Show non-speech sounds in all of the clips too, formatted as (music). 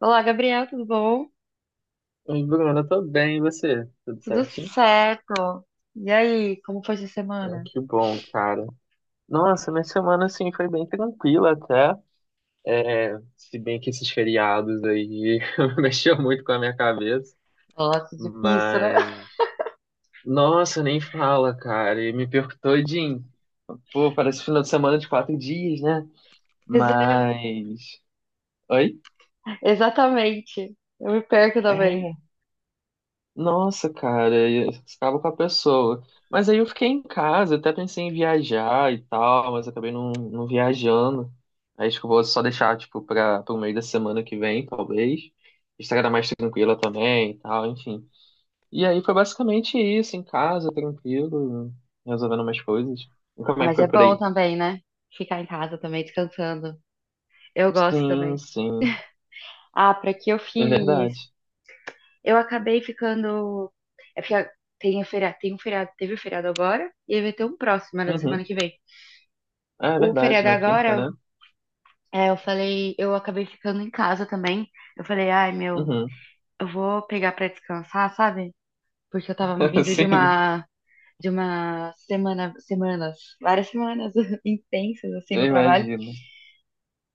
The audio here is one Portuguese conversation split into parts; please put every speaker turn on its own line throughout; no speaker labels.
Olá, Gabriel, tudo bom?
Oi, Bruno, eu tô bem, e você? Tudo
Tudo
certinho?
certo. E aí, como foi essa semana?
Ah, que bom, cara. Nossa, minha semana, assim, foi bem tranquila até. É, Se bem que esses feriados aí (laughs) mexeu muito com a minha cabeça.
Nossa, difícil, né? (laughs)
Mas, nossa, nem fala, cara. E me perco todinho. Pô, parece final de semana de 4 dias, né?
Exa-
Mas, Oi?
Exatamente. Eu me perco também.
É. Nossa, cara, e você acaba com a pessoa. Mas aí eu fiquei em casa, até pensei em viajar e tal, mas acabei não viajando. Aí acho que eu vou só deixar, tipo, para o meio da semana que vem, talvez. A estrada mais tranquila também e tal, enfim. E aí foi basicamente isso, em casa, tranquilo, resolvendo umas coisas. E
Ah,
como é que
mas é
foi por
bom
aí?
também, né? Ficar em casa também, descansando. Eu gosto
Sim,
também.
sim,
Ah, pra que eu
é
fiz?
verdade.
Eu acabei ficando. É porque tem, tem um feriado, teve o feriado agora e aí vai ter um próximo, era da semana
Uhum.
que vem.
É
O
verdade,
feriado
na quinta,
agora,
né?
eu falei, eu acabei ficando em casa também. Eu falei, ai, meu.
Uhum.
Eu vou pegar pra descansar, sabe? Porque eu tava
(laughs)
vindo de
Sim,
uma de uma semana, semanas, várias semanas (laughs) intensas assim
eu
no trabalho.
imagino.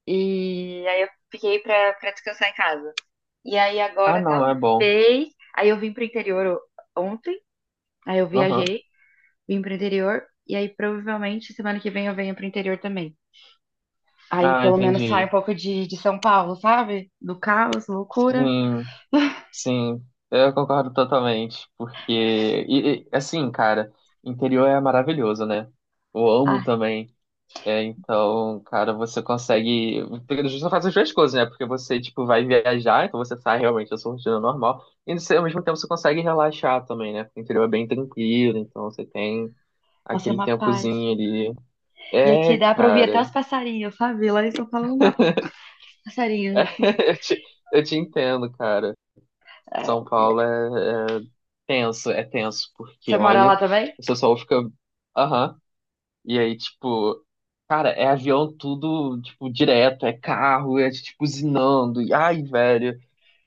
E aí eu fiquei pra descansar em casa. E aí
Ah,
agora
não, é bom.
talvez, aí eu vim pro interior ontem, aí eu viajei, vim pro interior e aí provavelmente semana que vem eu venho pro interior também. Aí
Ah,
pelo menos sai um
entendi.
pouco de São Paulo, sabe? Do caos, loucura.
Sim, sim, eu concordo totalmente, porque, assim, cara, interior é maravilhoso, né? Eu amo
Ai,
também, então, cara, você consegue, porque você faz as duas coisas, né? Porque você, tipo, vai viajar, então você sai realmente da sua rotina normal, e você, ao mesmo tempo você consegue relaxar também, né? Porque o interior é bem tranquilo, então você tem
nossa, é
aquele
uma paz.
tempozinho ali.
E aqui
É,
dá pra ouvir até
cara,
os passarinhos, sabe? Lá em São Paulo não dá pra passarinhos, assim.
(laughs) eu te, eu te entendo, cara.
É,
São Paulo é, é tenso, porque
você mora
olha,
lá também?
você só fica. Aham. E aí, tipo, cara, é avião tudo, tipo, direto, é carro, é tipo usinando. E, ai, velho,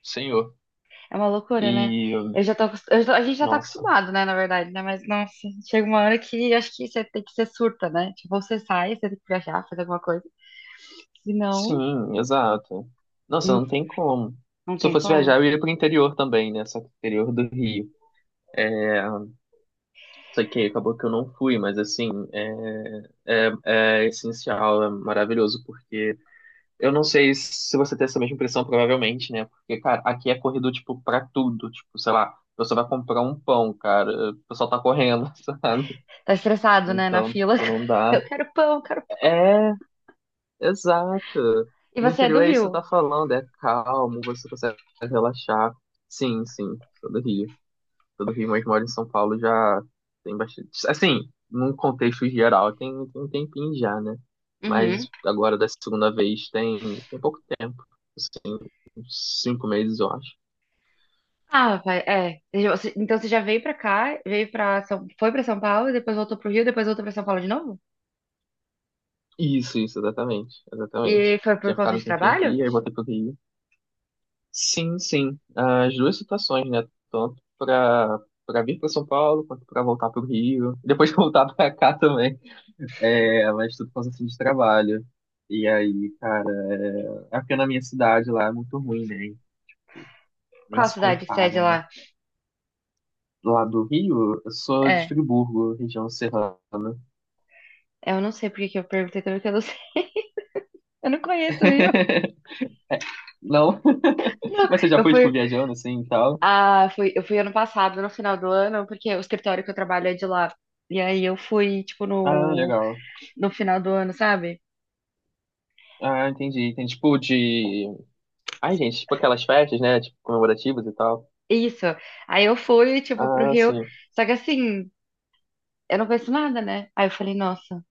senhor.
É uma loucura, né?
E,
Eu já tô, acos- eu já- tô- A gente já tá
nossa,
acostumado, né, na verdade, né? Mas, nossa, chega uma hora que acho que você tem que ser surta, né? Tipo, ou você sai, você tem que viajar, fazer alguma coisa. Senão,
sim, exato. Nossa,
não,
não tem como.
não
Se eu
tem
fosse viajar,
como.
eu ia pro interior também, né? Só que interior do Rio. Só que acabou que eu não fui, mas assim, é essencial, é maravilhoso, porque eu não sei se você tem essa mesma impressão, provavelmente, né? Porque, cara, aqui é corrido, tipo, pra tudo. Tipo, sei lá, você vai comprar um pão, cara, o pessoal tá correndo, (laughs) sabe?
Tá estressado, né, na
Então,
fila.
tipo, não
(laughs)
dá.
Eu quero pão, eu quero pão.
É, exato.
E
No
você é do
interior é isso que você
Rio?
tá falando, é calmo, você consegue relaxar. Sim, sim, sou do Rio, mas moro em São Paulo já tem bastante. Assim, num contexto geral, tem um tempinho já, né?
Uhum.
Mas agora da segunda vez tem, tem pouco tempo, assim, uns 5 meses, eu acho.
Ah, vai, é. Então você já veio pra cá, veio pra São, foi pra São Paulo, depois voltou pro Rio, depois voltou pra São Paulo de novo?
Isso, exatamente,
E
exatamente.
foi por
Tinha
conta
ficado um
de
tempinho
trabalho?
aqui, aí voltei pro Rio. Sim, sim, as duas situações, né? Tanto pra vir pra São Paulo, quanto pra voltar pro Rio. Depois de (laughs) voltar pra cá também. É, ela estuda por causa assim, de trabalho. E aí, cara, é porque na minha cidade lá é muito ruim, né? Nem
Qual
se
cidade que sede
compara, né?
lá?
Lá do Rio, eu sou de
É.
Friburgo, região serrana.
É, eu não sei por que que eu perguntei também, porque eu não sei. (laughs) Eu não conheço o Rio.
Não? (laughs)
Não,
Mas você já
eu
foi, tipo,
fui,
viajando assim e tal?
eu fui ano passado, no final do ano, porque o escritório que eu trabalho é de lá. E aí eu fui, tipo,
Ah,
no,
legal.
no final do ano, sabe?
Ah, entendi. Tem tipo de. Ai, gente, tipo aquelas festas, né? Tipo, comemorativas e tal.
Isso. Aí eu fui, tipo, pro
Ah,
Rio.
sim.
Só que assim, eu não conheço nada, né? Aí eu falei, nossa.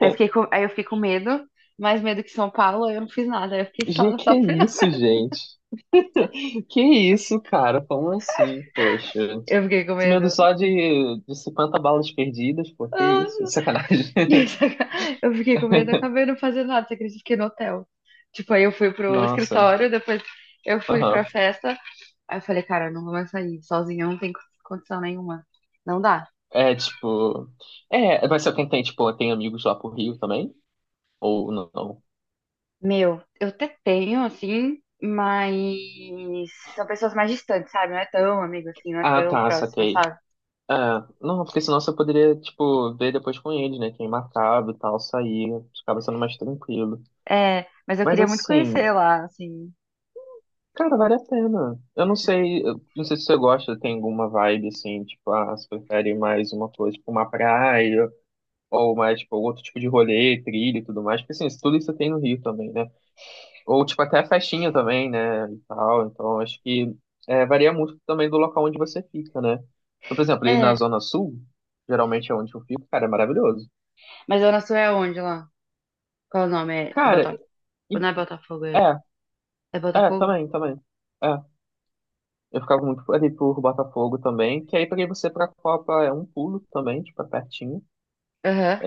Aí eu fiquei com medo, mais medo que São Paulo, eu não fiz nada. Aí eu fiquei só
Gê,
no
que
sofri
isso,
nada.
gente? (laughs) Que isso, cara? Como assim, poxa?
Eu fiquei com
Esse medo
medo.
só de 50 balas perdidas, pô, que
Nossa.
isso? Sacanagem. (laughs)
(laughs) Eu fiquei com medo, acabei não fazendo nada, você acredita? Fiquei no hotel. Tipo, aí eu fui pro
Nossa,
escritório, depois eu fui pra
aham.
festa. Aí eu falei, cara, eu não vou mais sair sozinha, não tem condição nenhuma. Não dá.
É, tipo... É, mas você tipo, tem amigos lá pro Rio também? Ou não?
Meu, eu até tenho, assim, mas são pessoas mais distantes, sabe? Não é tão amigo assim, não é
Ah,
tão
tá,
próximo,
saquei.
sabe?
É, não, porque senão você poderia, tipo, ver depois com eles, né? Quem marcava e tal, sair. Ficava sendo mais tranquilo.
É, mas eu
Mas
queria muito
assim...
conhecer lá, assim.
Cara, vale a pena. Eu não sei se você gosta, tem alguma vibe assim, tipo, ah, você prefere mais uma coisa, tipo uma praia, ou mais, tipo, outro tipo de rolê, trilha e tudo mais, porque assim, tudo isso tem no Rio também, né? Ou, tipo, até festinha também, né, e tal, então acho que varia muito também do local onde você fica, né? Então, por exemplo, ali na
É,
Zona Sul, geralmente é onde eu fico, cara, é maravilhoso.
mas Zona Sul é onde lá? Qual é o nome? É
Cara,
Botafogo.
e,
Não é Botafogo, é,
é,
é Botafogo?
também, também. é Eu ficava muito ali por Botafogo também, que aí pra você pra Copa é um pulo também, tipo, é pertinho.
Aham.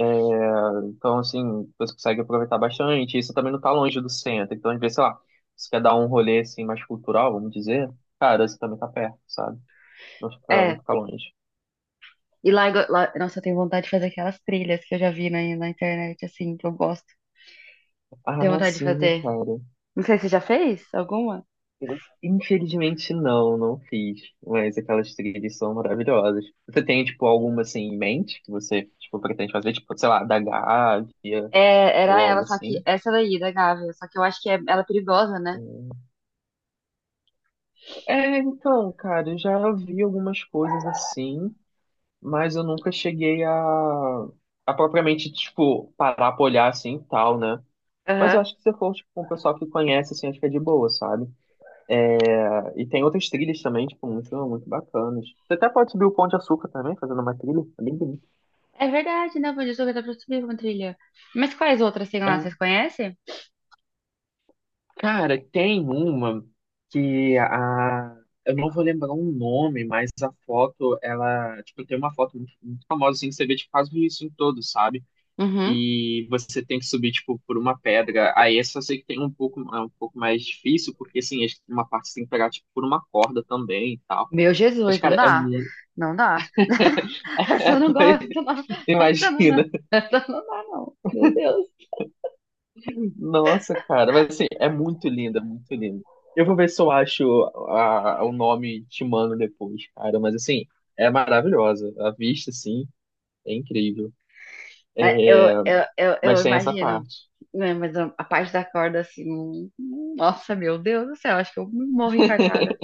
Então, assim, você consegue aproveitar bastante. Isso também não tá longe do centro. Então, às vezes, sei lá, se quer dar um rolê, assim, mais cultural, vamos dizer, cara, você também tá perto, sabe? Não fica, não
É.
fica longe.
E lá, nossa, eu tenho vontade de fazer aquelas trilhas que eu já vi na internet, assim, que eu gosto. Tenho
Ah,
vontade de
sim,
fazer.
cara.
Não sei se você já fez alguma.
Infelizmente, não, não fiz. Mas aquelas trilhas são maravilhosas. Você tem, tipo, alguma, assim, em mente que você, tipo, pretende fazer? Tipo, sei lá, da Gávea
É, era
ou
ela,
algo
só que
assim?
essa daí, da Gávea. Só que eu acho que ela é perigosa, né?
É, então, cara, eu já vi algumas coisas assim, mas eu nunca cheguei a propriamente, tipo, parar pra olhar assim e tal, né? Mas eu
Aham.
acho que se for, tipo, um pessoal que conhece, assim, acho que é de boa, sabe? É, e tem outras trilhas também, tipo, muito, muito bacanas. Você até pode subir o Pão de Açúcar também, fazendo uma trilha, é bem bonito.
É verdade, né? Pode jogar dá pra subir uma trilha. Mas quais outras tem lá? Vocês
É.
conhecem?
Cara, tem uma que a... Eu não vou lembrar o nome, mas a foto, ela... Tipo, tem uma foto muito, muito famosa, assim, que você vê, tipo, quase isso em todo, sabe?
Uhum.
E você tem que subir tipo por uma pedra. Aí essa eu sei que tem um pouco é um pouco mais difícil, porque assim, acho que uma parte você tem que pegar tipo por uma corda também e tal.
Meu
Mas
Jesus, não
cara, é
dá.
muito
Não dá. (laughs) Essa eu não
(laughs)
gosto, não.
É,
Essa não dá.
imagina.
Essa não dá, não. Meu Deus.
Nossa, cara, mas assim, é muito linda, muito linda. Eu vou ver se eu acho o nome te mando depois, cara, mas assim, é maravilhosa. A vista assim é incrível,
É, eu
mas tem essa
imagino,
parte.
né, mas a parte da corda, assim. Nossa, meu Deus do céu. Acho que eu morro infartada.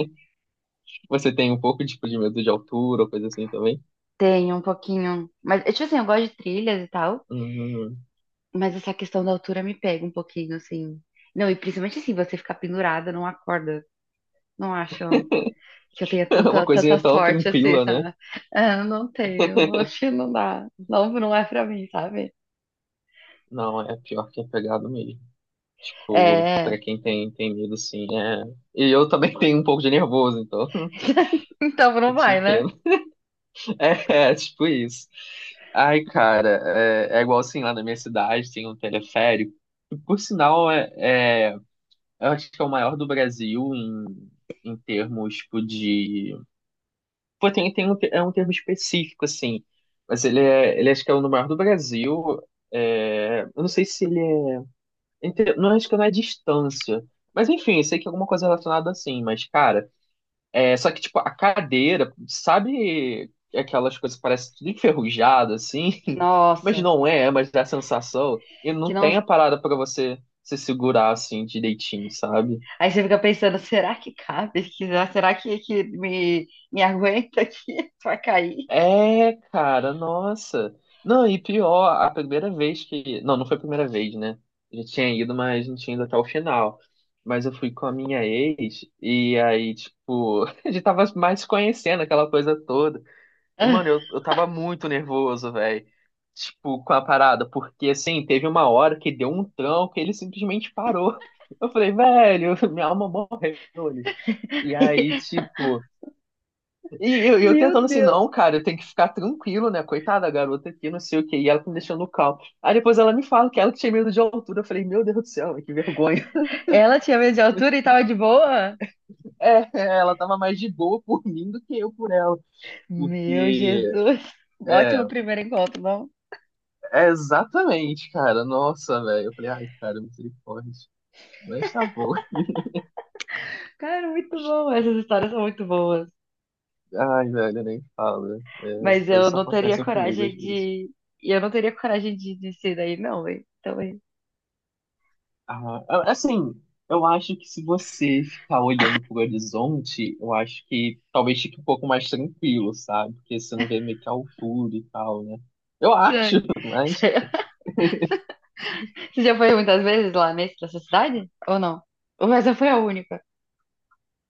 Você tem um pouco tipo de medo de altura, coisa assim também?
Tenho um pouquinho. Mas, tipo assim, eu gosto de trilhas e tal.
Uhum.
Mas essa questão da altura me pega um pouquinho, assim. Não, e principalmente assim, você ficar pendurada numa corda. Não acho que eu tenha
(laughs) Uma
tanta, tanta
coisinha tão
sorte assim,
tranquila, né?
sabe? É, eu não tenho, acho que não dá. Não, não é pra mim, sabe?
Não, é pior que é pegado mesmo. Tipo,
É.
pra quem tem medo, assim, é. E eu também (laughs) tenho um pouco de nervoso, então (laughs)
(laughs) Então não
eu te
vai, né?
entendo. Tipo isso. Ai, cara, é igual assim, lá na minha cidade tem um teleférico. E, por sinal, eu acho que é o maior do Brasil em, termos, tipo, de. Pô, tem um é um termo específico, assim. Mas ele acho que é o maior do Brasil. É, eu não sei se ele é. Não acho que não é distância. Mas enfim, sei que é alguma coisa relacionada assim, mas cara, só que tipo, a cadeira, sabe aquelas coisas que parece tudo enferrujado assim, (laughs) mas
Nossa,
não é, mas dá a sensação e
que
não
não.
tem a parada pra você se segurar assim direitinho, sabe?
Aí você fica pensando, será que cabe? Será que me aguenta aqui (laughs) pra cair?
É, cara, nossa. Não, e pior, a primeira vez que. Não, não foi a primeira vez, né? Já tinha ido, mas não tinha ido até o final. Mas eu fui com a minha ex, e aí, tipo, (laughs) a gente tava mais se conhecendo aquela coisa toda. E, mano, eu tava muito nervoso, velho. Tipo, com a parada, porque assim, teve uma hora que deu um tranco e ele simplesmente parou. Eu falei, velho, (laughs) minha alma morreu ali. E aí,
(laughs)
tipo. E eu
Meu
tentando assim,
Deus.
não, cara, eu tenho que ficar tranquilo, né? Coitada da garota aqui, não sei o quê. E ela tá me deixando calmo. Aí depois ela me fala que ela que tinha medo de altura. Eu falei, meu Deus do céu, que vergonha. (laughs)
Ela tinha medo de altura e tava de boa?
Ela tava mais de boa por mim do que eu por ela.
Meu
Porque,
Jesus.
é,
Ótimo primeiro encontro, não?
é exatamente, cara. Nossa, velho. Eu falei, ai, cara, misericórdia. Mas tá bom. (laughs)
Cara, muito bom. Essas histórias são muito boas.
Ai, velho, eu nem falo, né.
Mas eu
Coisas só
não teria
acontecem comigo às
coragem
vezes.
de. e Eu não teria coragem de descer daí, não, hein? Então, hein?
Ah, assim, eu acho que se você ficar olhando pro horizonte, eu acho que talvez fique um pouco mais tranquilo, sabe? Porque você não vê meio que a altura e tal, né? Eu
Isso é-
acho, (laughs) mas.
isso é- (laughs) Você já foi muitas vezes lá nessa cidade? Ou não? Ou essa foi a única?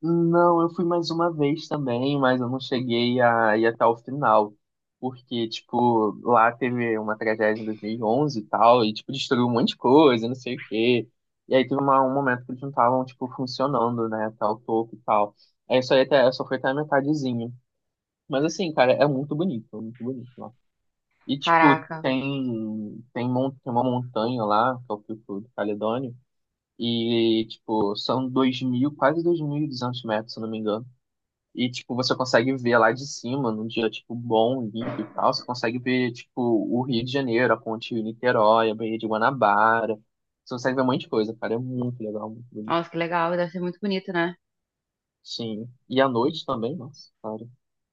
Não, eu fui mais uma vez também, mas eu não cheguei a ir até o final. Porque, tipo, lá teve uma tragédia em 2011 e onze e tal, e, tipo, destruiu um monte de coisa, não sei o quê. E aí teve um momento que eles não estavam, tipo, funcionando, né, até o topo e tal. Aí só, ia até, só foi até a metadezinha. Mas assim, cara, é muito bonito lá. E tipo,
Caraca.
tem uma montanha lá, que é o Pico do Caledônio, e tipo, são 2 mil, quase 2.200 metros, se eu não me engano. E tipo, você consegue ver lá de cima, num dia tipo bom, limpo e tal, você consegue ver tipo o Rio de Janeiro, a ponte Niterói, a Baía de Guanabara. Você consegue ver um monte de coisa, cara, é muito legal, muito bonito.
Nossa, que legal. Deve ser muito bonito, né?
Sim. E à noite também, nossa, cara,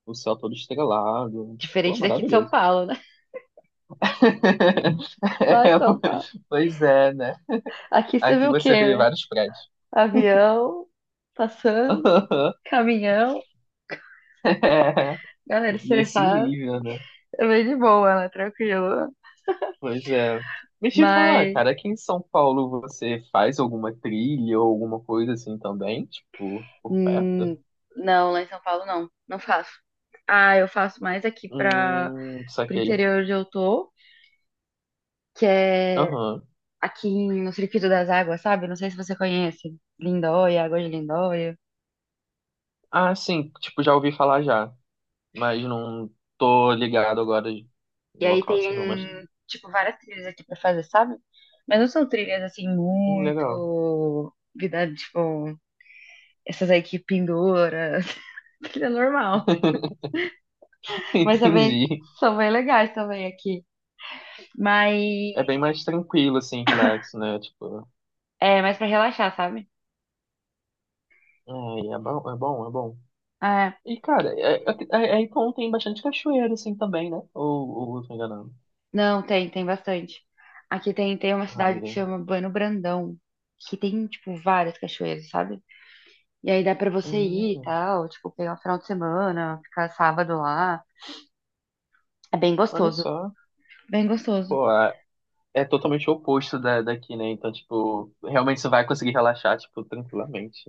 o céu todo estrelado. Pô,
Diferente daqui de São
maravilhoso.
Paulo, né? (laughs)
(laughs)
Lá de
É,
São
po-
Paulo.
pois é, né?
Aqui você vê
Aqui
o
você vê
quê?
vários prédios.
Avião passando,
(laughs)
caminhão,
É,
galera
nesse
estressada.
nível, né?
É bem de boa, né? Tranquilo.
Pois é. Mas te falar,
Mas.
cara, aqui em São Paulo você faz alguma trilha ou alguma coisa assim também? Tipo, por perto?
Hum, não, lá em São Paulo não, não faço. Ah, eu faço mais aqui para o
Saquei.
interior onde eu tô, que é
Aham.
aqui no Circuito das Águas, sabe? Não sei se você conhece. Lindóia, Água de Lindóia.
Ah, sim, tipo, já ouvi falar já. Mas não tô ligado agora
E
no
aí
local assim, não. Mas,
tem, tipo, várias trilhas aqui pra fazer, sabe? Mas não são trilhas, assim,
legal.
muito... Vida, tipo, essas aí que pendura, (laughs) trilha normal.
(laughs)
Mas também
Entendi.
são bem legais também aqui. Mas
É bem mais tranquilo, assim, relax, né? Tipo.
é mais pra relaxar, sabe?
Ai, é bom, é bom, é bom.
Ah,
E, cara, então tem bastante cachoeira, assim, também, né? Ou eu tô enganando?
não, tem bastante. Aqui tem uma
Ah,
cidade que
é.
chama Bueno Brandão, que tem, tipo, várias cachoeiras, sabe? E aí dá pra você ir e
Hum,
tal, tipo, pegar um final de semana, ficar sábado lá. É bem
olha
gostoso,
só.
bem gostoso.
Pô, é totalmente o oposto daqui, né? Então, tipo, realmente você vai conseguir relaxar, tipo, tranquilamente.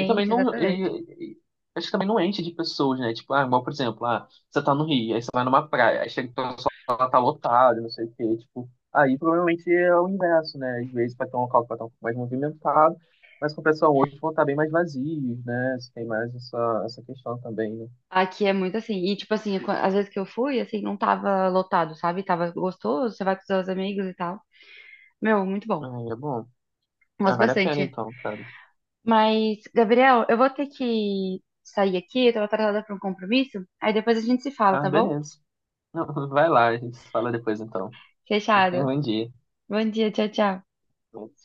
E também não.
exatamente.
Acho que também não enche de pessoas, né? Tipo, ah, igual, por exemplo, ah, você tá no Rio, aí você vai numa praia, aí chega o pessoal lá, tá lotado, não sei o quê. Tipo, aí provavelmente é o inverso, né? Às vezes vai ter um local que vai estar um pouco mais movimentado, mas com o pessoal hoje vão estar bem mais vazios, né? Você tem mais essa, essa questão também, né?
Aqui é muito assim, e tipo assim, às vezes que eu fui, assim, não tava lotado, sabe? Tava gostoso, você vai com seus amigos e tal. Meu, muito bom.
Ah, é bom. Ah,
Gosto
vale a pena
bastante.
então, cara.
Mas, Gabriel, eu vou ter que sair aqui, eu tô atrasada para um compromisso. Aí depois a gente se fala,
Ah,
tá bom?
beleza. Não, (laughs) vai lá, a gente se fala depois então. Não tem um
Fechado.
bom dia.
Bom dia, tchau, tchau.